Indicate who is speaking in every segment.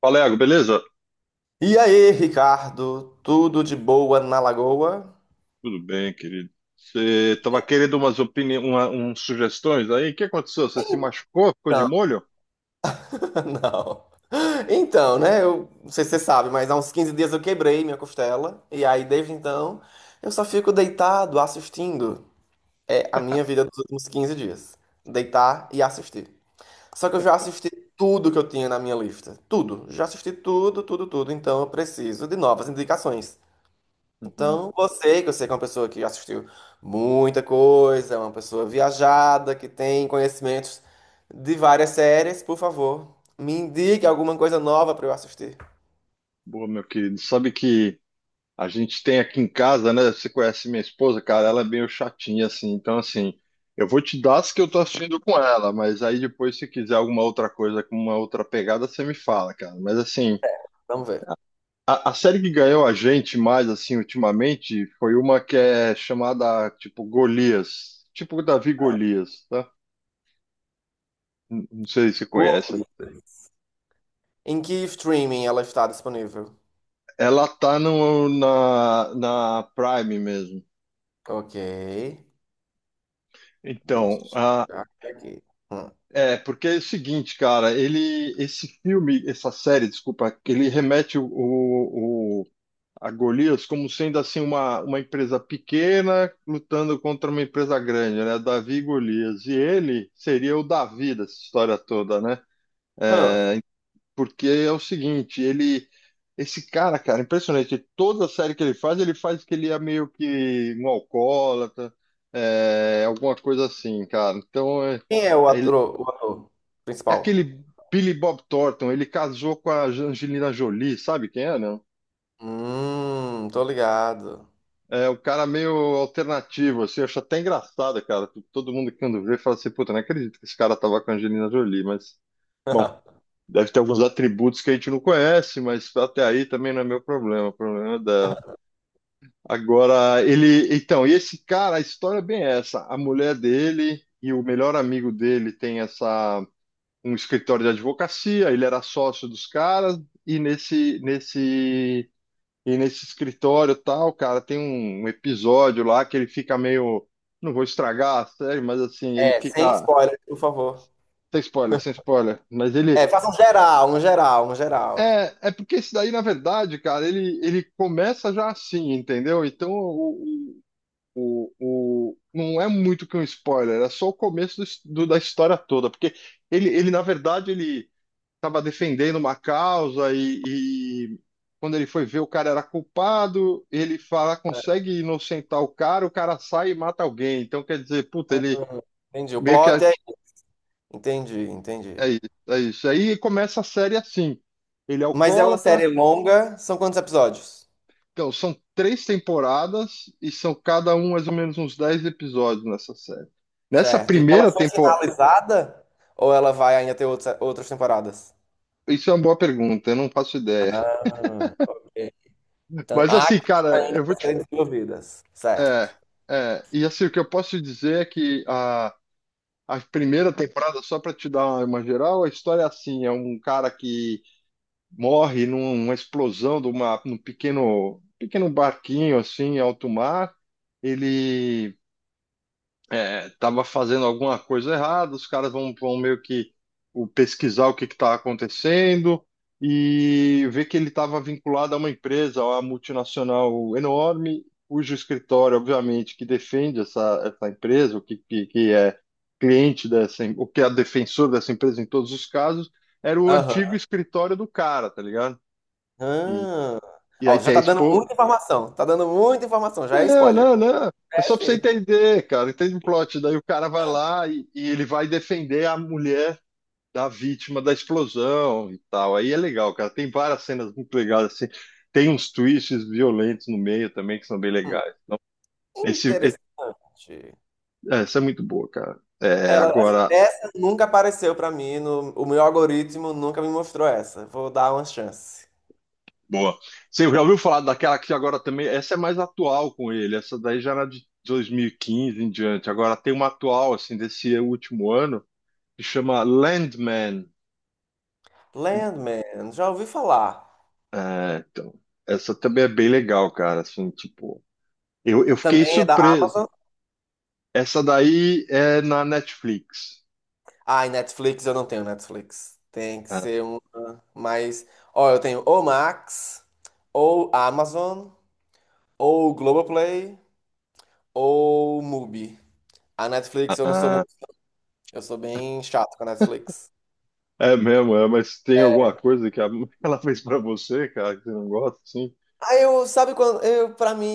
Speaker 1: Fala, Iago, beleza?
Speaker 2: E aí, Ricardo, tudo de boa na Lagoa?
Speaker 1: Tudo bem, querido. Você estava querendo umas opiniões, umas sugestões aí? O que aconteceu? Você se machucou? Ficou de
Speaker 2: Não,
Speaker 1: molho?
Speaker 2: não. Então, né, eu não sei se você sabe, mas há uns 15 dias eu quebrei minha costela, e aí desde então eu só fico deitado assistindo. É a minha vida dos últimos 15 dias. Deitar e assistir. Só que eu já assisti tudo que eu tinha na minha lista. Tudo. Já assisti tudo, tudo, tudo. Então eu preciso de novas indicações.
Speaker 1: Uhum.
Speaker 2: Então, você, que eu sei que é uma pessoa que assistiu muita coisa, é uma pessoa viajada, que tem conhecimentos de várias séries, por favor, me indique alguma coisa nova para eu assistir.
Speaker 1: Boa, meu querido. Sabe que a gente tem aqui em casa, né? Você conhece minha esposa, cara, ela é meio chatinha, assim. Então, assim, eu vou te dar as que eu tô assistindo com ela, mas aí depois, se quiser alguma outra coisa com uma outra pegada, você me fala, cara. Mas, assim,
Speaker 2: Vamos ver.
Speaker 1: a série que ganhou a gente mais, assim, ultimamente, foi uma que é chamada, tipo, Golias. Tipo Davi Golias, tá? Não sei se você conhece.
Speaker 2: Curly. Em que streaming ela está disponível?
Speaker 1: Ela tá no, na, na Prime mesmo.
Speaker 2: Ok.
Speaker 1: Então,
Speaker 2: Deixa
Speaker 1: ah,
Speaker 2: eu ver aqui. Hum.
Speaker 1: é, porque é o seguinte, cara, ele, esse filme, essa série, desculpa, ele remete a Golias como sendo assim uma empresa pequena lutando contra uma empresa grande, né? Davi e Golias. E ele seria o Davi dessa história toda, né?
Speaker 2: Hum.
Speaker 1: É, porque é o seguinte, ele esse cara, impressionante. Toda série que ele faz que ele é meio que um alcoólatra, alguma coisa assim, cara. Então é,
Speaker 2: Quem é o
Speaker 1: é ele-
Speaker 2: ator, o ator
Speaker 1: é
Speaker 2: principal?
Speaker 1: aquele Billy Bob Thornton, ele casou com a Angelina Jolie, sabe quem é, né?
Speaker 2: Tô ligado.
Speaker 1: É, o cara meio alternativo, assim, eu acho até engraçado, cara. Todo mundo que quando vê fala assim, puta, não acredito que esse cara tava com a Angelina Jolie, mas, bom, deve ter alguns atributos que a gente não conhece, mas até aí também não é meu problema, o problema é dela. Agora, ele, então, e esse cara, a história é bem essa, a mulher dele e o melhor amigo dele tem essa, um escritório de advocacia, ele era sócio dos caras, e nesse escritório tal, cara, tem um episódio lá que ele fica meio. Não vou estragar a série, mas assim, ele
Speaker 2: É, sem
Speaker 1: fica.
Speaker 2: spoiler, por favor.
Speaker 1: Sem spoiler, sem spoiler. Mas ele.
Speaker 2: É, faça um geral, um geral, um geral.
Speaker 1: É, porque esse daí, na verdade, cara, ele, começa já assim, entendeu? Então, não é muito que um spoiler, é só o começo da história toda. Porque ele, na verdade, ele. Estava defendendo uma causa e, quando ele foi ver o cara era culpado, ele fala, consegue inocentar o cara sai e mata alguém. Então quer dizer, puta, ele
Speaker 2: Entendi. O
Speaker 1: meio que
Speaker 2: plot é. Entendi, entendi.
Speaker 1: é isso, é isso. Aí começa a série assim. Ele é
Speaker 2: Mas é uma
Speaker 1: alcoólatra.
Speaker 2: série longa, são quantos episódios?
Speaker 1: Então, são três temporadas e são cada um mais ou menos uns 10 episódios nessa série. Nessa
Speaker 2: Certo. E ela
Speaker 1: primeira
Speaker 2: foi
Speaker 1: temporada.
Speaker 2: finalizada? Ou ela vai ainda ter outras temporadas?
Speaker 1: Isso é uma boa pergunta, eu não faço ideia.
Speaker 2: Ah, ok. Então,
Speaker 1: Mas
Speaker 2: há
Speaker 1: assim,
Speaker 2: coisas
Speaker 1: cara,
Speaker 2: ainda
Speaker 1: eu
Speaker 2: a
Speaker 1: vou te.
Speaker 2: serem desenvolvidas.
Speaker 1: É,
Speaker 2: Certo.
Speaker 1: e assim, o que eu posso dizer é que a primeira temporada, só para te dar uma geral, a história é assim: é um cara que morre numa explosão num pequeno, pequeno barquinho assim, em alto mar. Ele tava fazendo alguma coisa errada, os caras vão meio que pesquisar o que que tá acontecendo e ver que ele estava vinculado a uma empresa, a uma multinacional enorme, cujo escritório, obviamente, que defende essa empresa, o que é cliente dessa, o que é defensor dessa empresa em todos os casos, era o
Speaker 2: Aham.
Speaker 1: antigo escritório do cara, tá ligado? E,
Speaker 2: Ah.
Speaker 1: e aí
Speaker 2: Ó, já
Speaker 1: tem
Speaker 2: tá dando muita informação. Tá dando muita informação, já é
Speaker 1: não,
Speaker 2: spoiler.
Speaker 1: não, não. É só
Speaker 2: É
Speaker 1: pra você
Speaker 2: sim.
Speaker 1: entender, cara. Entende o plot? Daí o cara vai lá e ele vai defender a mulher da vítima da explosão e tal. Aí é legal, cara. Tem várias cenas muito legais, assim. Tem uns twists violentos no meio também que são bem
Speaker 2: Hum,
Speaker 1: legais. Então, esse, esse-
Speaker 2: Interessante.
Speaker 1: essa é muito boa, cara. É,
Speaker 2: Ela,
Speaker 1: agora,
Speaker 2: Essa nunca apareceu pra mim, o meu algoritmo nunca me mostrou essa. Vou dar uma chance.
Speaker 1: boa. Você já ouviu falar daquela que agora também. Essa é mais atual com ele. Essa daí já era de 2015 em diante. Agora tem uma atual, assim, desse último ano, que chama Landman.
Speaker 2: Landman, já ouvi falar.
Speaker 1: É, então. Essa também é bem legal, cara. Assim, tipo, eu fiquei
Speaker 2: Também é da
Speaker 1: surpreso.
Speaker 2: Amazon.
Speaker 1: Essa daí é na Netflix.
Speaker 2: Ah, e Netflix, eu não tenho Netflix. Tem que ser uma. Mas, ó, eu tenho ou Max, ou Amazon, ou Globoplay, ou Mubi. A Netflix eu não sou
Speaker 1: Ah,
Speaker 2: muito. Eu sou bem chato com a Netflix.
Speaker 1: é mesmo, mas tem alguma coisa que ela fez pra você, cara, que você não gosta, assim?
Speaker 2: Ah, eu, sabe quando, eu, pra mim,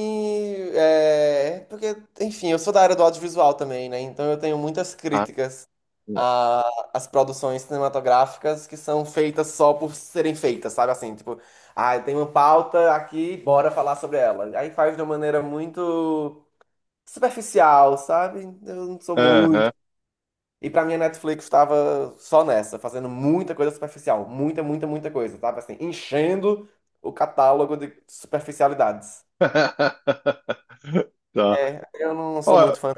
Speaker 2: é, porque, enfim, eu sou da área do audiovisual também, né, então eu tenho muitas
Speaker 1: Ah,
Speaker 2: críticas
Speaker 1: não.
Speaker 2: as produções cinematográficas que são feitas só por serem feitas, sabe? Assim, tipo, ah, tem uma pauta aqui, bora falar sobre ela. Aí faz de uma maneira muito superficial, sabe? Eu não sou muito.
Speaker 1: Aham.
Speaker 2: E pra mim a Netflix tava só nessa, fazendo muita coisa superficial, muita, muita, muita coisa, sabe? Assim, enchendo o catálogo de superficialidades.
Speaker 1: Tá.
Speaker 2: É, eu não sou
Speaker 1: Ó,
Speaker 2: muito fã.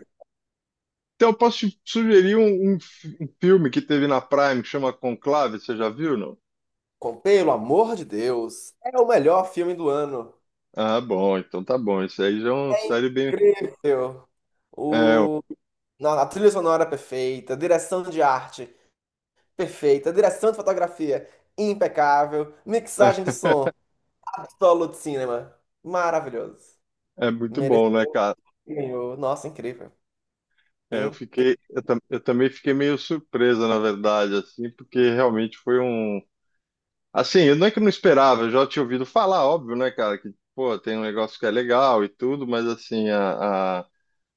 Speaker 1: então eu posso te sugerir um filme que teve na Prime que chama Conclave, você já viu, não?
Speaker 2: Pelo amor de Deus, é o melhor filme do ano.
Speaker 1: Ah, bom, então tá bom. Isso aí já é uma série bem.
Speaker 2: Incrível.
Speaker 1: É,
Speaker 2: O na a trilha sonora perfeita, a direção de arte perfeita, a direção de fotografia impecável, mixagem de som, absolute cinema, maravilhoso.
Speaker 1: é muito bom, né,
Speaker 2: Mereceu,
Speaker 1: cara?
Speaker 2: ganhou. Nossa, incrível.
Speaker 1: É, eu
Speaker 2: Incrível.
Speaker 1: fiquei, eu, tam- eu também fiquei meio surpresa, na verdade, assim, porque realmente foi um. Assim, eu não é que eu não esperava, eu já tinha ouvido falar, óbvio, né, cara, que, pô, tem um negócio que é legal e tudo, mas assim, a, a-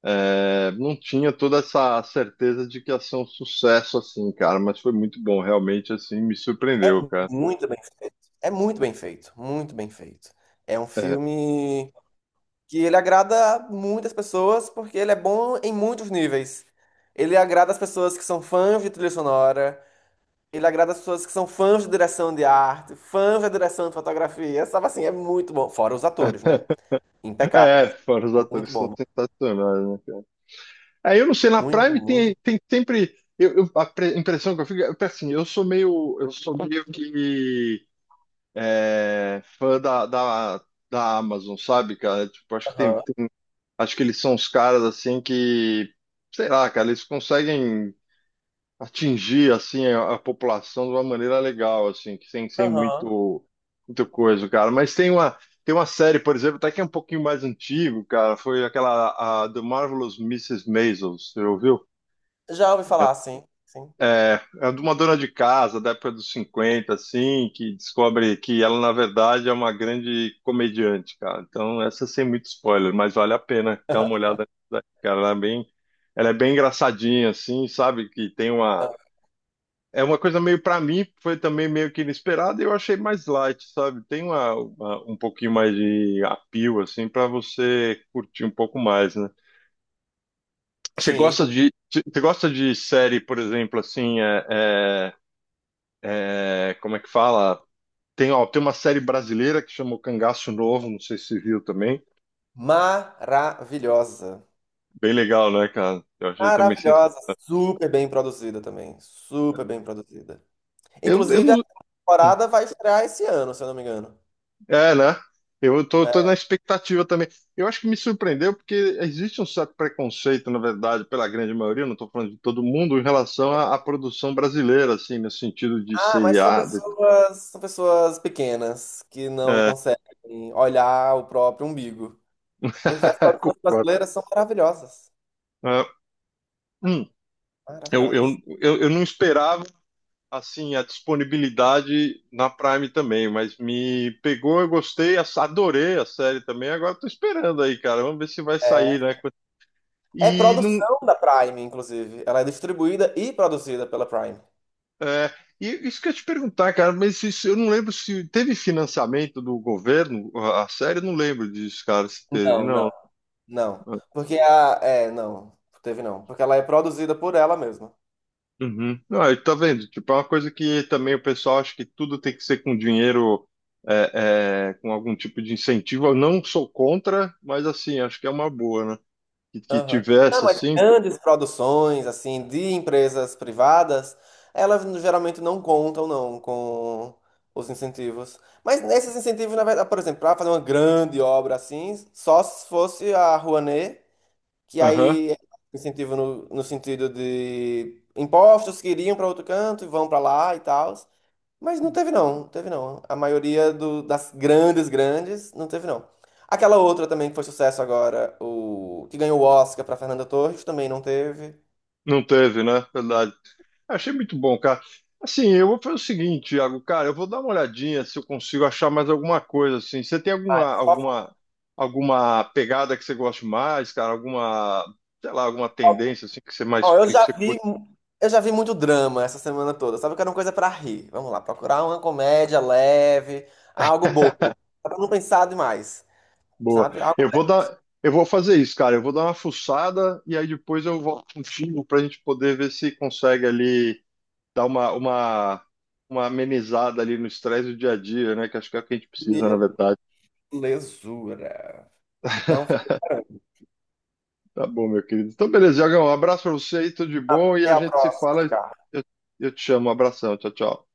Speaker 1: é, não tinha toda essa certeza de que ia ser um sucesso, assim, cara, mas foi muito bom, realmente, assim, me surpreendeu, cara.
Speaker 2: Muito bem feito. É muito bem feito, muito bem feito. É um
Speaker 1: É,
Speaker 2: filme que ele agrada muitas pessoas porque ele é bom em muitos níveis. Ele agrada as pessoas que são fãs de trilha sonora, ele agrada as pessoas que são fãs de direção de arte, fãs da direção de fotografia, sabe assim, é muito bom. Fora os atores, né? Impecável.
Speaker 1: é, fora os
Speaker 2: Muito
Speaker 1: atores que são
Speaker 2: bom.
Speaker 1: sensacionais, né? Aí eu não sei, na
Speaker 2: Muito,
Speaker 1: Prime
Speaker 2: muito
Speaker 1: tem,
Speaker 2: bom.
Speaker 1: tem sempre. A impressão que eu fico é que, assim, eu sou meio que fã da Amazon, sabe, cara? Tipo, acho que
Speaker 2: Aham,
Speaker 1: acho que eles são os caras assim que, sei lá, cara, eles conseguem atingir assim a população de uma maneira legal, assim, que sem
Speaker 2: aham.
Speaker 1: muito, muito coisa, cara. Mas tem uma, série, por exemplo, até que é um pouquinho mais antigo, cara, foi aquela The Marvelous Mrs. Maisel, você ouviu?
Speaker 2: Já ouvi falar, sim, sim.
Speaker 1: É, é de uma dona de casa da época dos 50, assim, que descobre que ela, na verdade, é uma grande comediante, cara. Então, essa sem muito spoiler, mas vale a pena dar uma olhada, nisso daí, cara. ela é bem engraçadinha, assim, sabe? Que tem uma.
Speaker 2: Então,
Speaker 1: É uma coisa meio, pra mim, foi também meio que inesperada e eu achei mais light, sabe? Tem uma, um pouquinho mais de appeal, assim, pra você curtir um pouco mais, né? Você
Speaker 2: sim,
Speaker 1: gosta
Speaker 2: sim.
Speaker 1: de, você gosta de série, por exemplo, assim, como é que fala? Ó, tem uma série brasileira que chama O Cangaço Novo, não sei se você viu também.
Speaker 2: Maravilhosa.
Speaker 1: Bem legal, né, cara? Eu achei também sensacional.
Speaker 2: Maravilhosa. Super bem produzida também. Super bem produzida.
Speaker 1: Eu, eu
Speaker 2: Inclusive, a
Speaker 1: não...
Speaker 2: temporada vai estrear esse ano, se eu não me engano.
Speaker 1: É, né? Eu tô na expectativa também. Eu acho que me surpreendeu porque existe um certo preconceito, na verdade, pela grande maioria, não estou falando de todo mundo, em relação à produção brasileira, assim, no sentido de
Speaker 2: Ah, mas
Speaker 1: seriado.
Speaker 2: são pessoas pequenas que não
Speaker 1: É,
Speaker 2: conseguem olhar o próprio umbigo. Porque as produções
Speaker 1: concordo.
Speaker 2: brasileiras são maravilhosas.
Speaker 1: É, hum, eu, eu,
Speaker 2: Maravilhosas.
Speaker 1: eu, eu não esperava assim, a disponibilidade na Prime também, mas me pegou, eu gostei, adorei a série também. Agora tô esperando aí, cara. Vamos ver se vai
Speaker 2: É,
Speaker 1: sair, né?
Speaker 2: é
Speaker 1: E não.
Speaker 2: produção da Prime, inclusive. Ela é distribuída e produzida pela Prime.
Speaker 1: é, e isso que eu ia te perguntar, cara, mas eu não lembro se teve financiamento do governo, a série, eu não lembro disso, cara, se teve,
Speaker 2: Não,
Speaker 1: não.
Speaker 2: não. Não. Porque a. É, não. Teve não. Porque ela é produzida por ela mesma.
Speaker 1: Uhum. Não, aí tá vendo? Tipo, é uma coisa que também o pessoal acha que tudo tem que ser com dinheiro, com algum tipo de incentivo. Eu não sou contra, mas assim, acho que é uma boa, né? Que
Speaker 2: Aham. Não,
Speaker 1: tivesse
Speaker 2: mas
Speaker 1: assim.
Speaker 2: grandes produções, assim, de empresas privadas, elas geralmente não contam, não, com os incentivos. Mas nesses incentivos, na verdade, por exemplo, para fazer uma grande obra assim, só se fosse a Rouanet que
Speaker 1: Aham.
Speaker 2: aí é incentivo no sentido de impostos que iriam para outro canto e vão para lá e tal. Mas não teve não, não teve não. A maioria das grandes, grandes, não teve não. Aquela outra também que foi sucesso agora, o que ganhou o Oscar para Fernanda Torres, também não teve.
Speaker 1: Não teve, né? Verdade. Achei muito bom, cara. Assim, eu vou fazer o seguinte, Iago, cara, eu vou dar uma olhadinha se eu consigo achar mais alguma coisa assim. Você tem alguma
Speaker 2: Ah,
Speaker 1: alguma alguma pegada que você goste mais, cara? Alguma, sei lá, alguma
Speaker 2: só-
Speaker 1: tendência assim que você mais
Speaker 2: ó, eu
Speaker 1: que
Speaker 2: já
Speaker 1: você
Speaker 2: vi,
Speaker 1: curte?
Speaker 2: eu já vi muito drama essa semana toda. Sabe que era uma coisa para rir. Vamos lá, procurar uma comédia leve, algo bobo, pra não pensar demais,
Speaker 1: Boa.
Speaker 2: sabe? Algo
Speaker 1: Eu vou fazer isso, cara. Eu vou dar uma fuçada e aí depois eu volto contigo pra gente poder ver se consegue ali dar uma amenizada ali no estresse do dia a dia, né? Que acho que é o que a gente precisa, na
Speaker 2: leve.
Speaker 1: verdade.
Speaker 2: Lesura. Então, fica-
Speaker 1: Tá bom, meu querido. Então, beleza, Iagão. Um abraço pra você aí, tudo de bom. E
Speaker 2: Até
Speaker 1: a
Speaker 2: a
Speaker 1: gente se
Speaker 2: próxima,
Speaker 1: fala.
Speaker 2: Ricardo.
Speaker 1: Eu, eu te chamo. Um abração. Tchau, tchau.